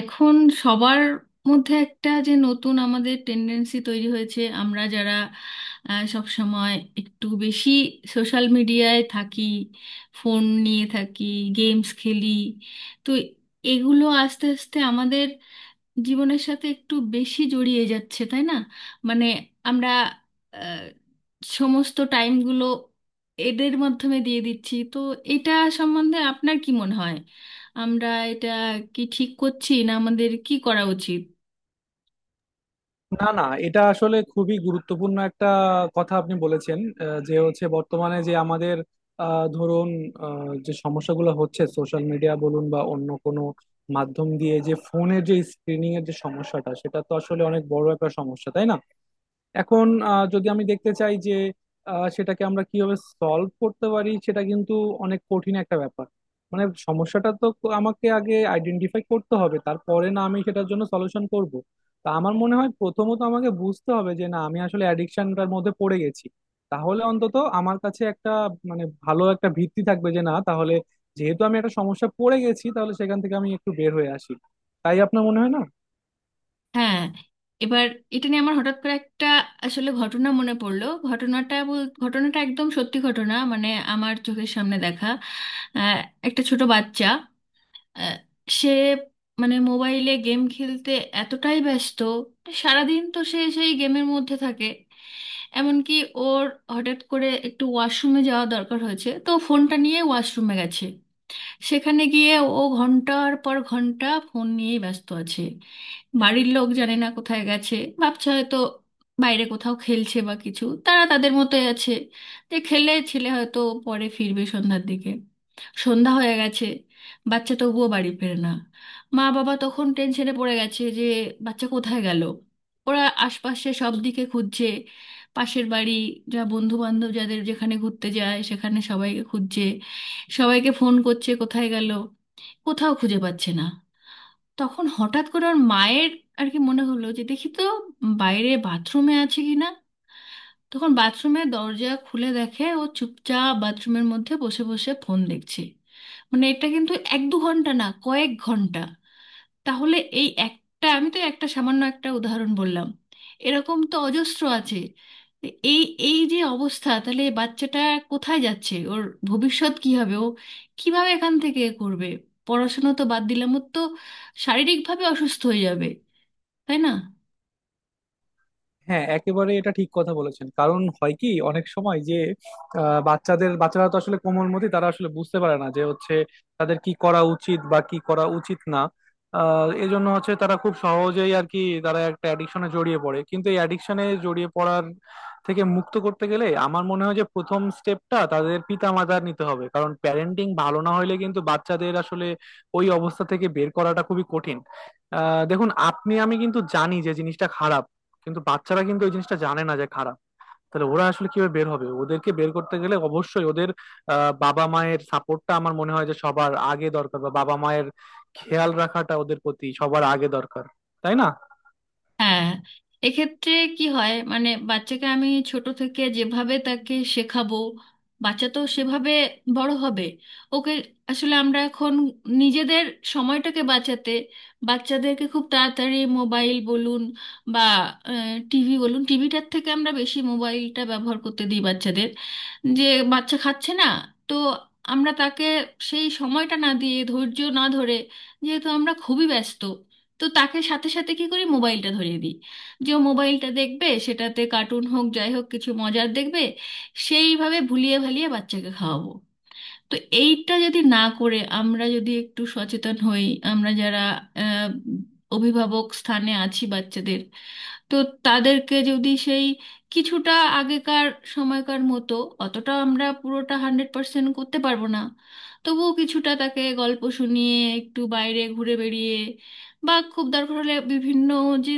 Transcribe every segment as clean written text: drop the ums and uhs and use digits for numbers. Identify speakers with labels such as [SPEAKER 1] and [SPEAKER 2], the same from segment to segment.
[SPEAKER 1] এখন সবার মধ্যে একটা যে নতুন আমাদের টেন্ডেন্সি তৈরি হয়েছে, আমরা যারা সব সময় একটু বেশি সোশ্যাল মিডিয়ায় থাকি, ফোন নিয়ে থাকি, গেমস খেলি, তো এগুলো আস্তে আস্তে আমাদের জীবনের সাথে একটু বেশি জড়িয়ে যাচ্ছে, তাই না? মানে আমরা আহ, সমস্ত টাইমগুলো এদের মাধ্যমে দিয়ে দিচ্ছি। তো এটা সম্বন্ধে আপনার কি মনে হয়? আমরা এটা কি ঠিক করছি, না আমাদের কি করা উচিত?
[SPEAKER 2] না না, এটা আসলে খুবই গুরুত্বপূর্ণ একটা কথা আপনি বলেছেন। যে হচ্ছে বর্তমানে যে আমাদের ধরুন যে সমস্যাগুলো হচ্ছে সোশ্যাল মিডিয়া বলুন বা অন্য কোনো মাধ্যম দিয়ে, যে ফোনের যে স্ক্রিনিং এর যে সমস্যাটা, সেটা তো আসলে অনেক বড় একটা সমস্যা, তাই না? এখন যদি আমি দেখতে চাই যে সেটাকে আমরা কিভাবে সলভ করতে পারি, সেটা কিন্তু অনেক কঠিন একটা ব্যাপার। মানে সমস্যাটা তো আমাকে আগে আইডেন্টিফাই করতে হবে, তারপরে না আমি সেটার জন্য সলিউশন করব। তা আমার মনে হয় প্রথমত আমাকে বুঝতে হবে যে, না, আমি আসলে অ্যাডিকশনটার মধ্যে পড়ে গেছি। তাহলে অন্তত আমার কাছে একটা, মানে, ভালো একটা ভিত্তি থাকবে যে, না, তাহলে যেহেতু আমি একটা সমস্যা পড়ে গেছি, তাহলে সেখান থেকে আমি একটু বের হয়ে আসি। তাই আপনার মনে হয় না?
[SPEAKER 1] হ্যাঁ, এবার এটা নিয়ে আমার হঠাৎ করে একটা আসলে ঘটনা মনে পড়লো। ঘটনাটা একদম সত্যি ঘটনা, মানে আমার চোখের সামনে দেখা। আহ, একটা ছোট বাচ্চা, আহ, সে মানে মোবাইলে গেম খেলতে এতটাই ব্যস্ত, সারাদিন তো সে সেই গেমের মধ্যে থাকে। এমনকি ওর হঠাৎ করে একটু ওয়াশরুমে যাওয়া দরকার হয়েছে, তো ফোনটা নিয়ে ওয়াশরুমে গেছে। সেখানে গিয়ে ও ঘন্টার পর ঘন্টা ফোন নিয়েই ব্যস্ত আছে। বাড়ির লোক জানে না কোথায় গেছে, ভাবছে হয়তো বাইরে কোথাও খেলছে বা কিছু, তারা তাদের মতোই আছে যে খেলে ছেলে হয়তো পরে ফিরবে সন্ধ্যার দিকে। সন্ধ্যা হয়ে গেছে, বাচ্চা তবুও বাড়ি ফেরে না। মা বাবা তখন টেনশনে পড়ে গেছে যে বাচ্চা কোথায় গেল। ওরা আশপাশে সব দিকে খুঁজছে, পাশের বাড়ি, যা বন্ধু বান্ধব যাদের যেখানে ঘুরতে যায় সেখানে সবাইকে খুঁজছে, সবাইকে ফোন করছে কোথায় গেল, কোথাও খুঁজে পাচ্ছে না। তখন হঠাৎ করে ওর মায়ের আর কি মনে হলো যে দেখি তো বাইরে বাথরুমে আছে কি না। তখন বাথরুমের দরজা খুলে দেখে ও চুপচাপ বাথরুমের মধ্যে বসে বসে ফোন দেখছে। মানে এটা কিন্তু এক দু ঘন্টা না, কয়েক ঘন্টা। তাহলে এই একটা, আমি তো একটা সামান্য একটা উদাহরণ বললাম, এরকম তো অজস্র আছে। এই এই যে অবস্থা, তাহলে এই বাচ্চাটা কোথায় যাচ্ছে, ওর ভবিষ্যৎ কি হবে, ও কিভাবে এখান থেকে এ করবে? পড়াশুনো তো বাদ দিলাম, ওর তো শারীরিকভাবে অসুস্থ হয়ে যাবে, তাই না?
[SPEAKER 2] হ্যাঁ, একেবারে এটা ঠিক কথা বলেছেন। কারণ হয় কি, অনেক সময় যে বাচ্চাদের বাচ্চারা তো আসলে কোমলমতি, তারা আসলে বুঝতে পারে না যে হচ্ছে তাদের কি করা উচিত বা কি করা উচিত না। এই জন্য হচ্ছে তারা খুব সহজেই আর কি, তারা একটা অ্যাডিকশনে জড়িয়ে পড়ে। কিন্তু এই অ্যাডিকশনে জড়িয়ে পড়ার থেকে মুক্ত করতে গেলে আমার মনে হয় যে প্রথম স্টেপটা তাদের পিতামাতার নিতে হবে, কারণ প্যারেন্টিং ভালো না হলে কিন্তু বাচ্চাদের আসলে ওই অবস্থা থেকে বের করাটা খুবই কঠিন। দেখুন, আপনি আমি কিন্তু জানি যে জিনিসটা খারাপ, কিন্তু বাচ্চারা কিন্তু ওই জিনিসটা জানে না যে খারাপ। তাহলে ওরা আসলে কিভাবে বের হবে? ওদেরকে বের করতে গেলে অবশ্যই ওদের বাবা মায়ের সাপোর্টটা আমার মনে হয় যে সবার আগে দরকার, বা বাবা মায়ের খেয়াল রাখাটা ওদের প্রতি সবার আগে দরকার, তাই না?
[SPEAKER 1] হ্যাঁ, এক্ষেত্রে কি হয় মানে বাচ্চাকে আমি ছোট থেকে যেভাবে তাকে শেখাবো, বাচ্চা তো সেভাবে বড় হবে। ওকে আসলে আমরা এখন নিজেদের সময়টাকে বাঁচাতে বাচ্চাদেরকে খুব তাড়াতাড়ি মোবাইল বলুন বা টিভি বলুন, টিভিটার থেকে আমরা বেশি মোবাইলটা ব্যবহার করতে দিই বাচ্চাদের। যে বাচ্চা খাচ্ছে না, তো আমরা তাকে সেই সময়টা না দিয়ে, ধৈর্য না ধরে, যেহেতু আমরা খুবই ব্যস্ত, তো তাকে সাথে সাথে কি করি, মোবাইলটা ধরিয়ে দিই যে ও মোবাইলটা দেখবে, সেটাতে কার্টুন হোক যাই হোক কিছু মজার দেখবে, সেইভাবে ভুলিয়ে ভালিয়ে বাচ্চাকে খাওয়াবো। তো এইটা যদি না করে আমরা যদি একটু সচেতন হই, আমরা যারা আহ, অভিভাবক স্থানে আছি বাচ্চাদের, তো তাদেরকে যদি সেই কিছুটা আগেকার সময়কার মতো, অতটা আমরা পুরোটা 100% করতে পারবো না, তবুও কিছুটা তাকে গল্প শুনিয়ে, একটু বাইরে ঘুরে বেড়িয়ে, বা খুব দরকার হলে বিভিন্ন যে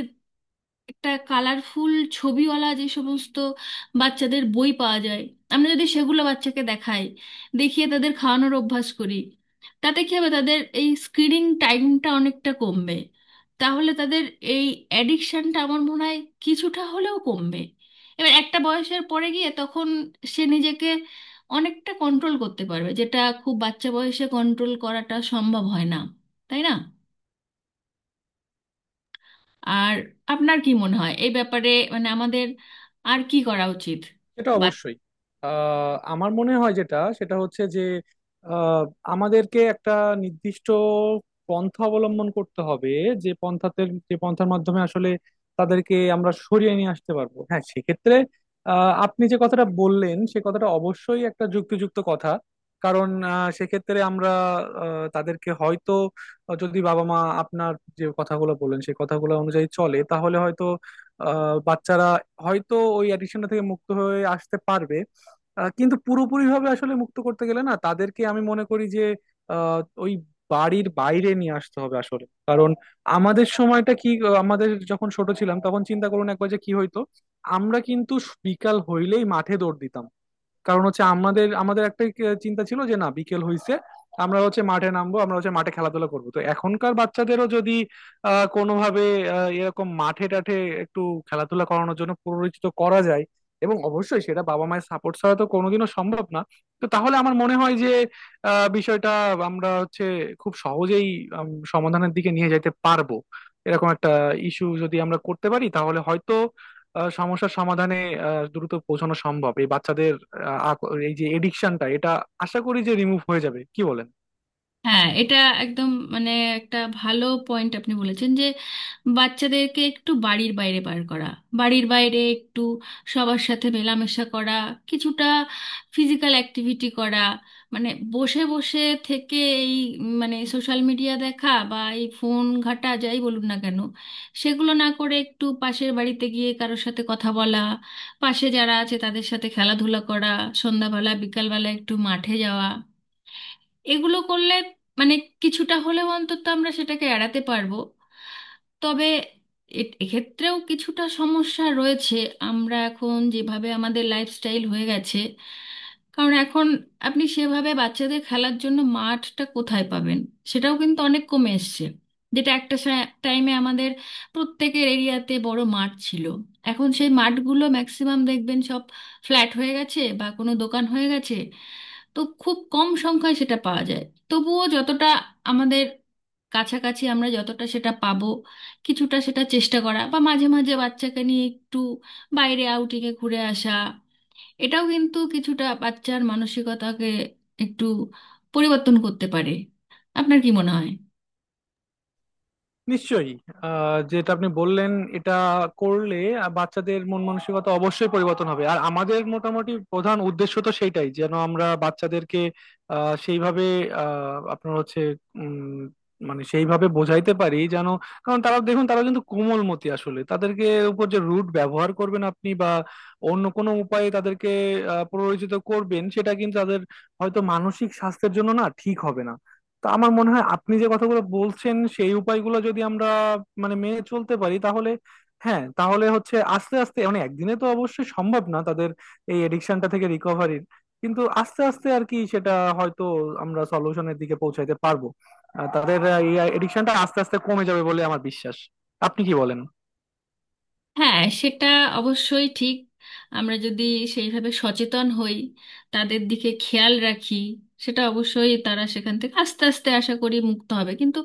[SPEAKER 1] একটা কালারফুল ছবিওয়ালা যে সমস্ত বাচ্চাদের বই পাওয়া যায়, আমরা যদি সেগুলো বাচ্চাকে দেখাই, দেখিয়ে তাদের খাওয়ানোর অভ্যাস করি, তাতে কি হবে, তাদের এই স্ক্রিনিং টাইমটা অনেকটা কমবে। তাহলে তাদের এই অ্যাডিকশনটা আমার মনে হয় কিছুটা হলেও কমবে। এবার একটা বয়সের পরে গিয়ে তখন সে নিজেকে অনেকটা কন্ট্রোল করতে পারবে, যেটা খুব বাচ্চা বয়সে কন্ট্রোল করাটা সম্ভব হয় না, তাই না? আর আপনার কি মনে হয় এই ব্যাপারে, মানে আমাদের আর কি করা উচিত?
[SPEAKER 2] এটা অবশ্যই আমার মনে হয় যেটা, সেটা হচ্ছে যে আহ, আমাদেরকে একটা নির্দিষ্ট পন্থা অবলম্বন করতে হবে, যে পন্থাতে, যে পন্থার মাধ্যমে আসলে তাদেরকে আমরা সরিয়ে নিয়ে আসতে পারবো। হ্যাঁ, সেক্ষেত্রে আপনি যে কথাটা বললেন, সে কথাটা অবশ্যই একটা যুক্তিযুক্ত কথা। কারণ সেক্ষেত্রে আমরা তাদেরকে হয়তো, যদি বাবা মা আপনার যে কথাগুলো বললেন সেই কথাগুলো অনুযায়ী চলে, তাহলে হয়তো বাচ্চারা হয়তো ওই অ্যাডিকশনটা থেকে মুক্ত হয়ে আসতে পারবে। কিন্তু পুরোপুরি ভাবে আসলে মুক্ত করতে গেলে না তাদেরকে আমি মনে করি যে আহ, ওই বাড়ির বাইরে নিয়ে আসতে হবে আসলে। কারণ আমাদের সময়টা কি, আমাদের যখন ছোট ছিলাম তখন চিন্তা করুন একবার যে কি হইতো, আমরা কিন্তু বিকাল হইলেই মাঠে দৌড় দিতাম। কারণ হচ্ছে আমাদের আমাদের একটা চিন্তা ছিল যে, না, বিকেল হইছে, আমরা হচ্ছে মাঠে নামবো, আমরা হচ্ছে মাঠে খেলাধুলা করবো। তো এখনকার বাচ্চাদেরও যদি কোনোভাবে এরকম মাঠে টাঠে একটু খেলাধুলা করানোর জন্য পরিচিত করা যায়, এবং অবশ্যই সেটা বাবা মায়ের সাপোর্ট ছাড়া তো কোনোদিনও সম্ভব না, তো তাহলে আমার মনে হয় যে বিষয়টা আমরা হচ্ছে খুব সহজেই সমাধানের দিকে নিয়ে যেতে পারবো। এরকম একটা ইস্যু যদি আমরা করতে পারি, তাহলে হয়তো সমস্যার সমাধানে দ্রুত পৌঁছানো সম্ভব। এই বাচ্চাদের এই যে এডিকশনটা, এটা আশা করি যে রিমুভ হয়ে যাবে, কি বলেন?
[SPEAKER 1] হ্যাঁ, এটা একদম মানে একটা ভালো পয়েন্ট আপনি বলেছেন যে বাচ্চাদেরকে একটু বাড়ির বাইরে বার করা, বাড়ির বাইরে একটু সবার সাথে মেলামেশা করা, কিছুটা ফিজিক্যাল অ্যাক্টিভিটি করা, মানে বসে বসে থেকে এই মানে সোশ্যাল মিডিয়া দেখা বা এই ফোন ঘাটা যাই বলুন না কেন, সেগুলো না করে একটু পাশের বাড়িতে গিয়ে কারোর সাথে কথা বলা, পাশে যারা আছে তাদের সাথে খেলাধুলা করা, সন্ধ্যাবেলা বিকালবেলা একটু মাঠে যাওয়া, এগুলো করলে মানে কিছুটা হলেও অন্তত আমরা সেটাকে এড়াতে পারবো। তবে এক্ষেত্রেও কিছুটা সমস্যা রয়েছে। আমরা এখন যেভাবে আমাদের লাইফস্টাইল হয়ে গেছে, কারণ এখন আপনি সেভাবে বাচ্চাদের খেলার জন্য মাঠটা কোথায় পাবেন, সেটাও কিন্তু অনেক কমে এসছে। যেটা একটা টাইমে আমাদের প্রত্যেকের এরিয়াতে বড় মাঠ ছিল, এখন সেই মাঠগুলো ম্যাক্সিমাম দেখবেন সব ফ্ল্যাট হয়ে গেছে বা কোনো দোকান হয়ে গেছে। তো খুব কম সংখ্যায় সেটা পাওয়া যায়। তবুও যতটা আমাদের কাছাকাছি আমরা যতটা সেটা পাবো, কিছুটা সেটা চেষ্টা করা বা মাঝে মাঝে বাচ্চাকে নিয়ে একটু বাইরে আউটিংয়ে ঘুরে আসা, এটাও কিন্তু কিছুটা বাচ্চার মানসিকতাকে একটু পরিবর্তন করতে পারে। আপনার কি মনে হয়?
[SPEAKER 2] নিশ্চয়ই। যেটা আপনি বললেন এটা করলে বাচ্চাদের মন মানসিকতা অবশ্যই পরিবর্তন হবে। আর আমাদের মোটামুটি প্রধান উদ্দেশ্য তো সেইটাই, যেন আমরা বাচ্চাদেরকে সেইভাবে আহ, আপনার হচ্ছে উম, মানে সেইভাবে বোঝাইতে পারি। যেন, কারণ তারা দেখুন, তারা কিন্তু কোমলমতি আসলে। তাদেরকে উপর যে রুট ব্যবহার করবেন আপনি বা অন্য কোনো উপায়ে তাদেরকে প্ররোচিত করবেন, সেটা কিন্তু তাদের হয়তো মানসিক স্বাস্থ্যের জন্য না ঠিক হবে না। তো আমার মনে হয় আপনি যে কথাগুলো বলছেন সেই উপায়গুলো যদি আমরা, মানে, মেনে চলতে পারি তাহলে হ্যাঁ, তাহলে হচ্ছে আস্তে আস্তে, মানে একদিনে তো অবশ্যই সম্ভব না তাদের এই এডিকশনটা থেকে রিকভারির, কিন্তু আস্তে আস্তে আর কি সেটা হয়তো আমরা সলিউশনের দিকে পৌঁছাইতে পারবো। তাদের এই এডিকশনটা আস্তে আস্তে কমে যাবে বলে আমার বিশ্বাস। আপনি কি বলেন?
[SPEAKER 1] হ্যাঁ, সেটা অবশ্যই ঠিক। আমরা যদি সেইভাবে সচেতন হই, তাদের দিকে খেয়াল রাখি, সেটা অবশ্যই তারা সেখান থেকে আস্তে আস্তে আশা করি মুক্ত হবে। কিন্তু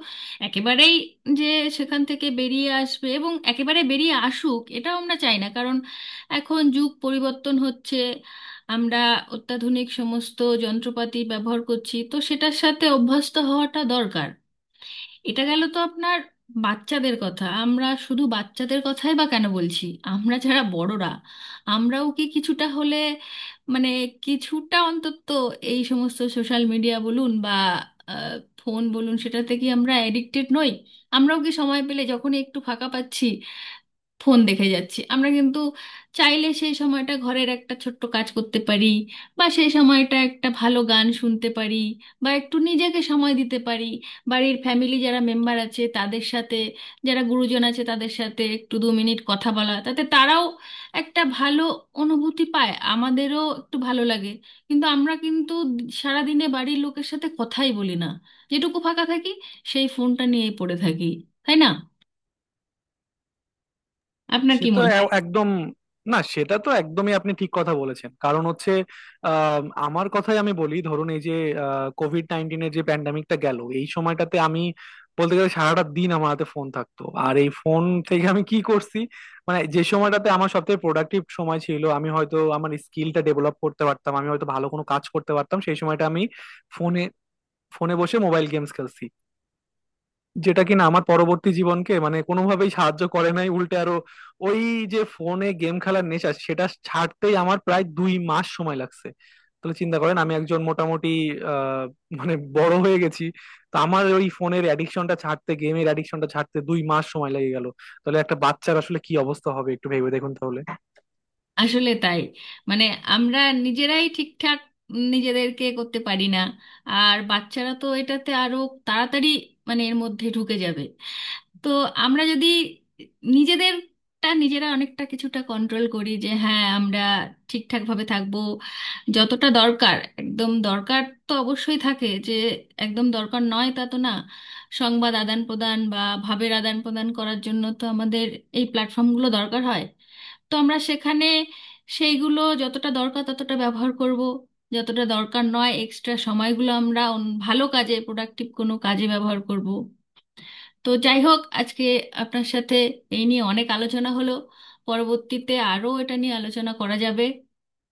[SPEAKER 1] একেবারেই যে সেখান থেকে বেরিয়ে আসবে এবং একেবারে বেরিয়ে আসুক এটাও আমরা চাই না, কারণ এখন যুগ পরিবর্তন হচ্ছে, আমরা অত্যাধুনিক সমস্ত যন্ত্রপাতি ব্যবহার করছি, তো সেটার সাথে অভ্যস্ত হওয়াটা দরকার। এটা গেল তো আপনার বাচ্চাদের কথা, আমরা শুধু বাচ্চাদের কথাই বা কেন বলছি, আমরা যারা বড়রা আমরাও কি কিছুটা হলে মানে কিছুটা অন্তত এই সমস্ত সোশ্যাল মিডিয়া বলুন বা আহ, ফোন বলুন সেটাতে কি আমরা অ্যাডিক্টেড নই? আমরাও কি সময় পেলে যখনই একটু ফাঁকা পাচ্ছি ফোন দেখে যাচ্ছি। আমরা কিন্তু চাইলে সেই সময়টা ঘরের একটা ছোট্ট কাজ করতে পারি, বা সেই সময়টা একটা ভালো গান শুনতে পারি, বা একটু নিজেকে সময় দিতে পারি, বাড়ির ফ্যামিলি যারা মেম্বার আছে তাদের সাথে, যারা গুরুজন আছে তাদের সাথে একটু 2 মিনিট কথা বলা, তাতে তারাও একটা ভালো অনুভূতি পায়, আমাদেরও একটু ভালো লাগে। কিন্তু আমরা কিন্তু সারাদিনে বাড়ির লোকের সাথে কথাই বলি না, যেটুকু ফাঁকা থাকি সেই ফোনটা নিয়েই পড়ে থাকি, তাই না? আপনার
[SPEAKER 2] সে
[SPEAKER 1] কি
[SPEAKER 2] তো
[SPEAKER 1] মনে হয়?
[SPEAKER 2] একদম, না সেটা তো একদমই আপনি ঠিক কথা বলেছেন। কারণ হচ্ছে আমার কথাই আমি বলি। ধরুন এই যে কোভিড-19 এর যে প্যান্ডামিকটা গেল, এই সময়টাতে আমি বলতে গেলে সারাটা দিন আমার হাতে ফোন থাকতো। আর এই ফোন থেকে আমি কি করছি, মানে, যে সময়টাতে আমার সবথেকে প্রোডাক্টিভ সময় ছিল, আমি হয়তো আমার স্কিলটা ডেভেলপ করতে পারতাম, আমি হয়তো ভালো কোনো কাজ করতে পারতাম, সেই সময়টা আমি ফোনে ফোনে বসে মোবাইল গেমস খেলছি। যেটা কিনা আমার পরবর্তী জীবনকে, মানে, কোনোভাবেই সাহায্য করে নাই, উল্টে আরো ওই যে ফোনে গেম খেলার নেশা, সেটা ছাড়তেই আমার প্রায় 2 মাস সময় লাগছে। তাহলে চিন্তা করেন, আমি একজন মোটামুটি আহ মানে বড় হয়ে গেছি, তো আমার ওই ফোনের অ্যাডিকশনটা ছাড়তে, গেমের অ্যাডিকশনটা ছাড়তে 2 মাস সময় লেগে গেল, তাহলে একটা বাচ্চার আসলে কি অবস্থা হবে একটু ভেবে দেখুন তাহলে।
[SPEAKER 1] আসলে তাই, মানে আমরা নিজেরাই ঠিকঠাক নিজেদেরকে করতে পারি না, আর বাচ্চারা তো এটাতে আরো তাড়াতাড়ি মানে এর মধ্যে ঢুকে যাবে। তো আমরা যদি নিজেদেরটা নিজেরা অনেকটা কিছুটা কন্ট্রোল করি যে হ্যাঁ আমরা ঠিকঠাকভাবে থাকবো, যতটা দরকার একদম দরকার তো অবশ্যই থাকে, যে একদম দরকার নয় তা তো না। সংবাদ আদান প্রদান বা ভাবের আদান প্রদান করার জন্য তো আমাদের এই প্ল্যাটফর্মগুলো দরকার হয়। তো আমরা সেখানে সেইগুলো যতটা দরকার ততটা ব্যবহার করব, যতটা দরকার নয় এক্সট্রা সময়গুলো আমরা ভালো কাজে, প্রোডাক্টিভ কোনো কাজে ব্যবহার করব। তো যাই হোক, আজকে আপনার সাথে এই নিয়ে অনেক আলোচনা হলো, পরবর্তীতে আরও এটা নিয়ে আলোচনা করা যাবে।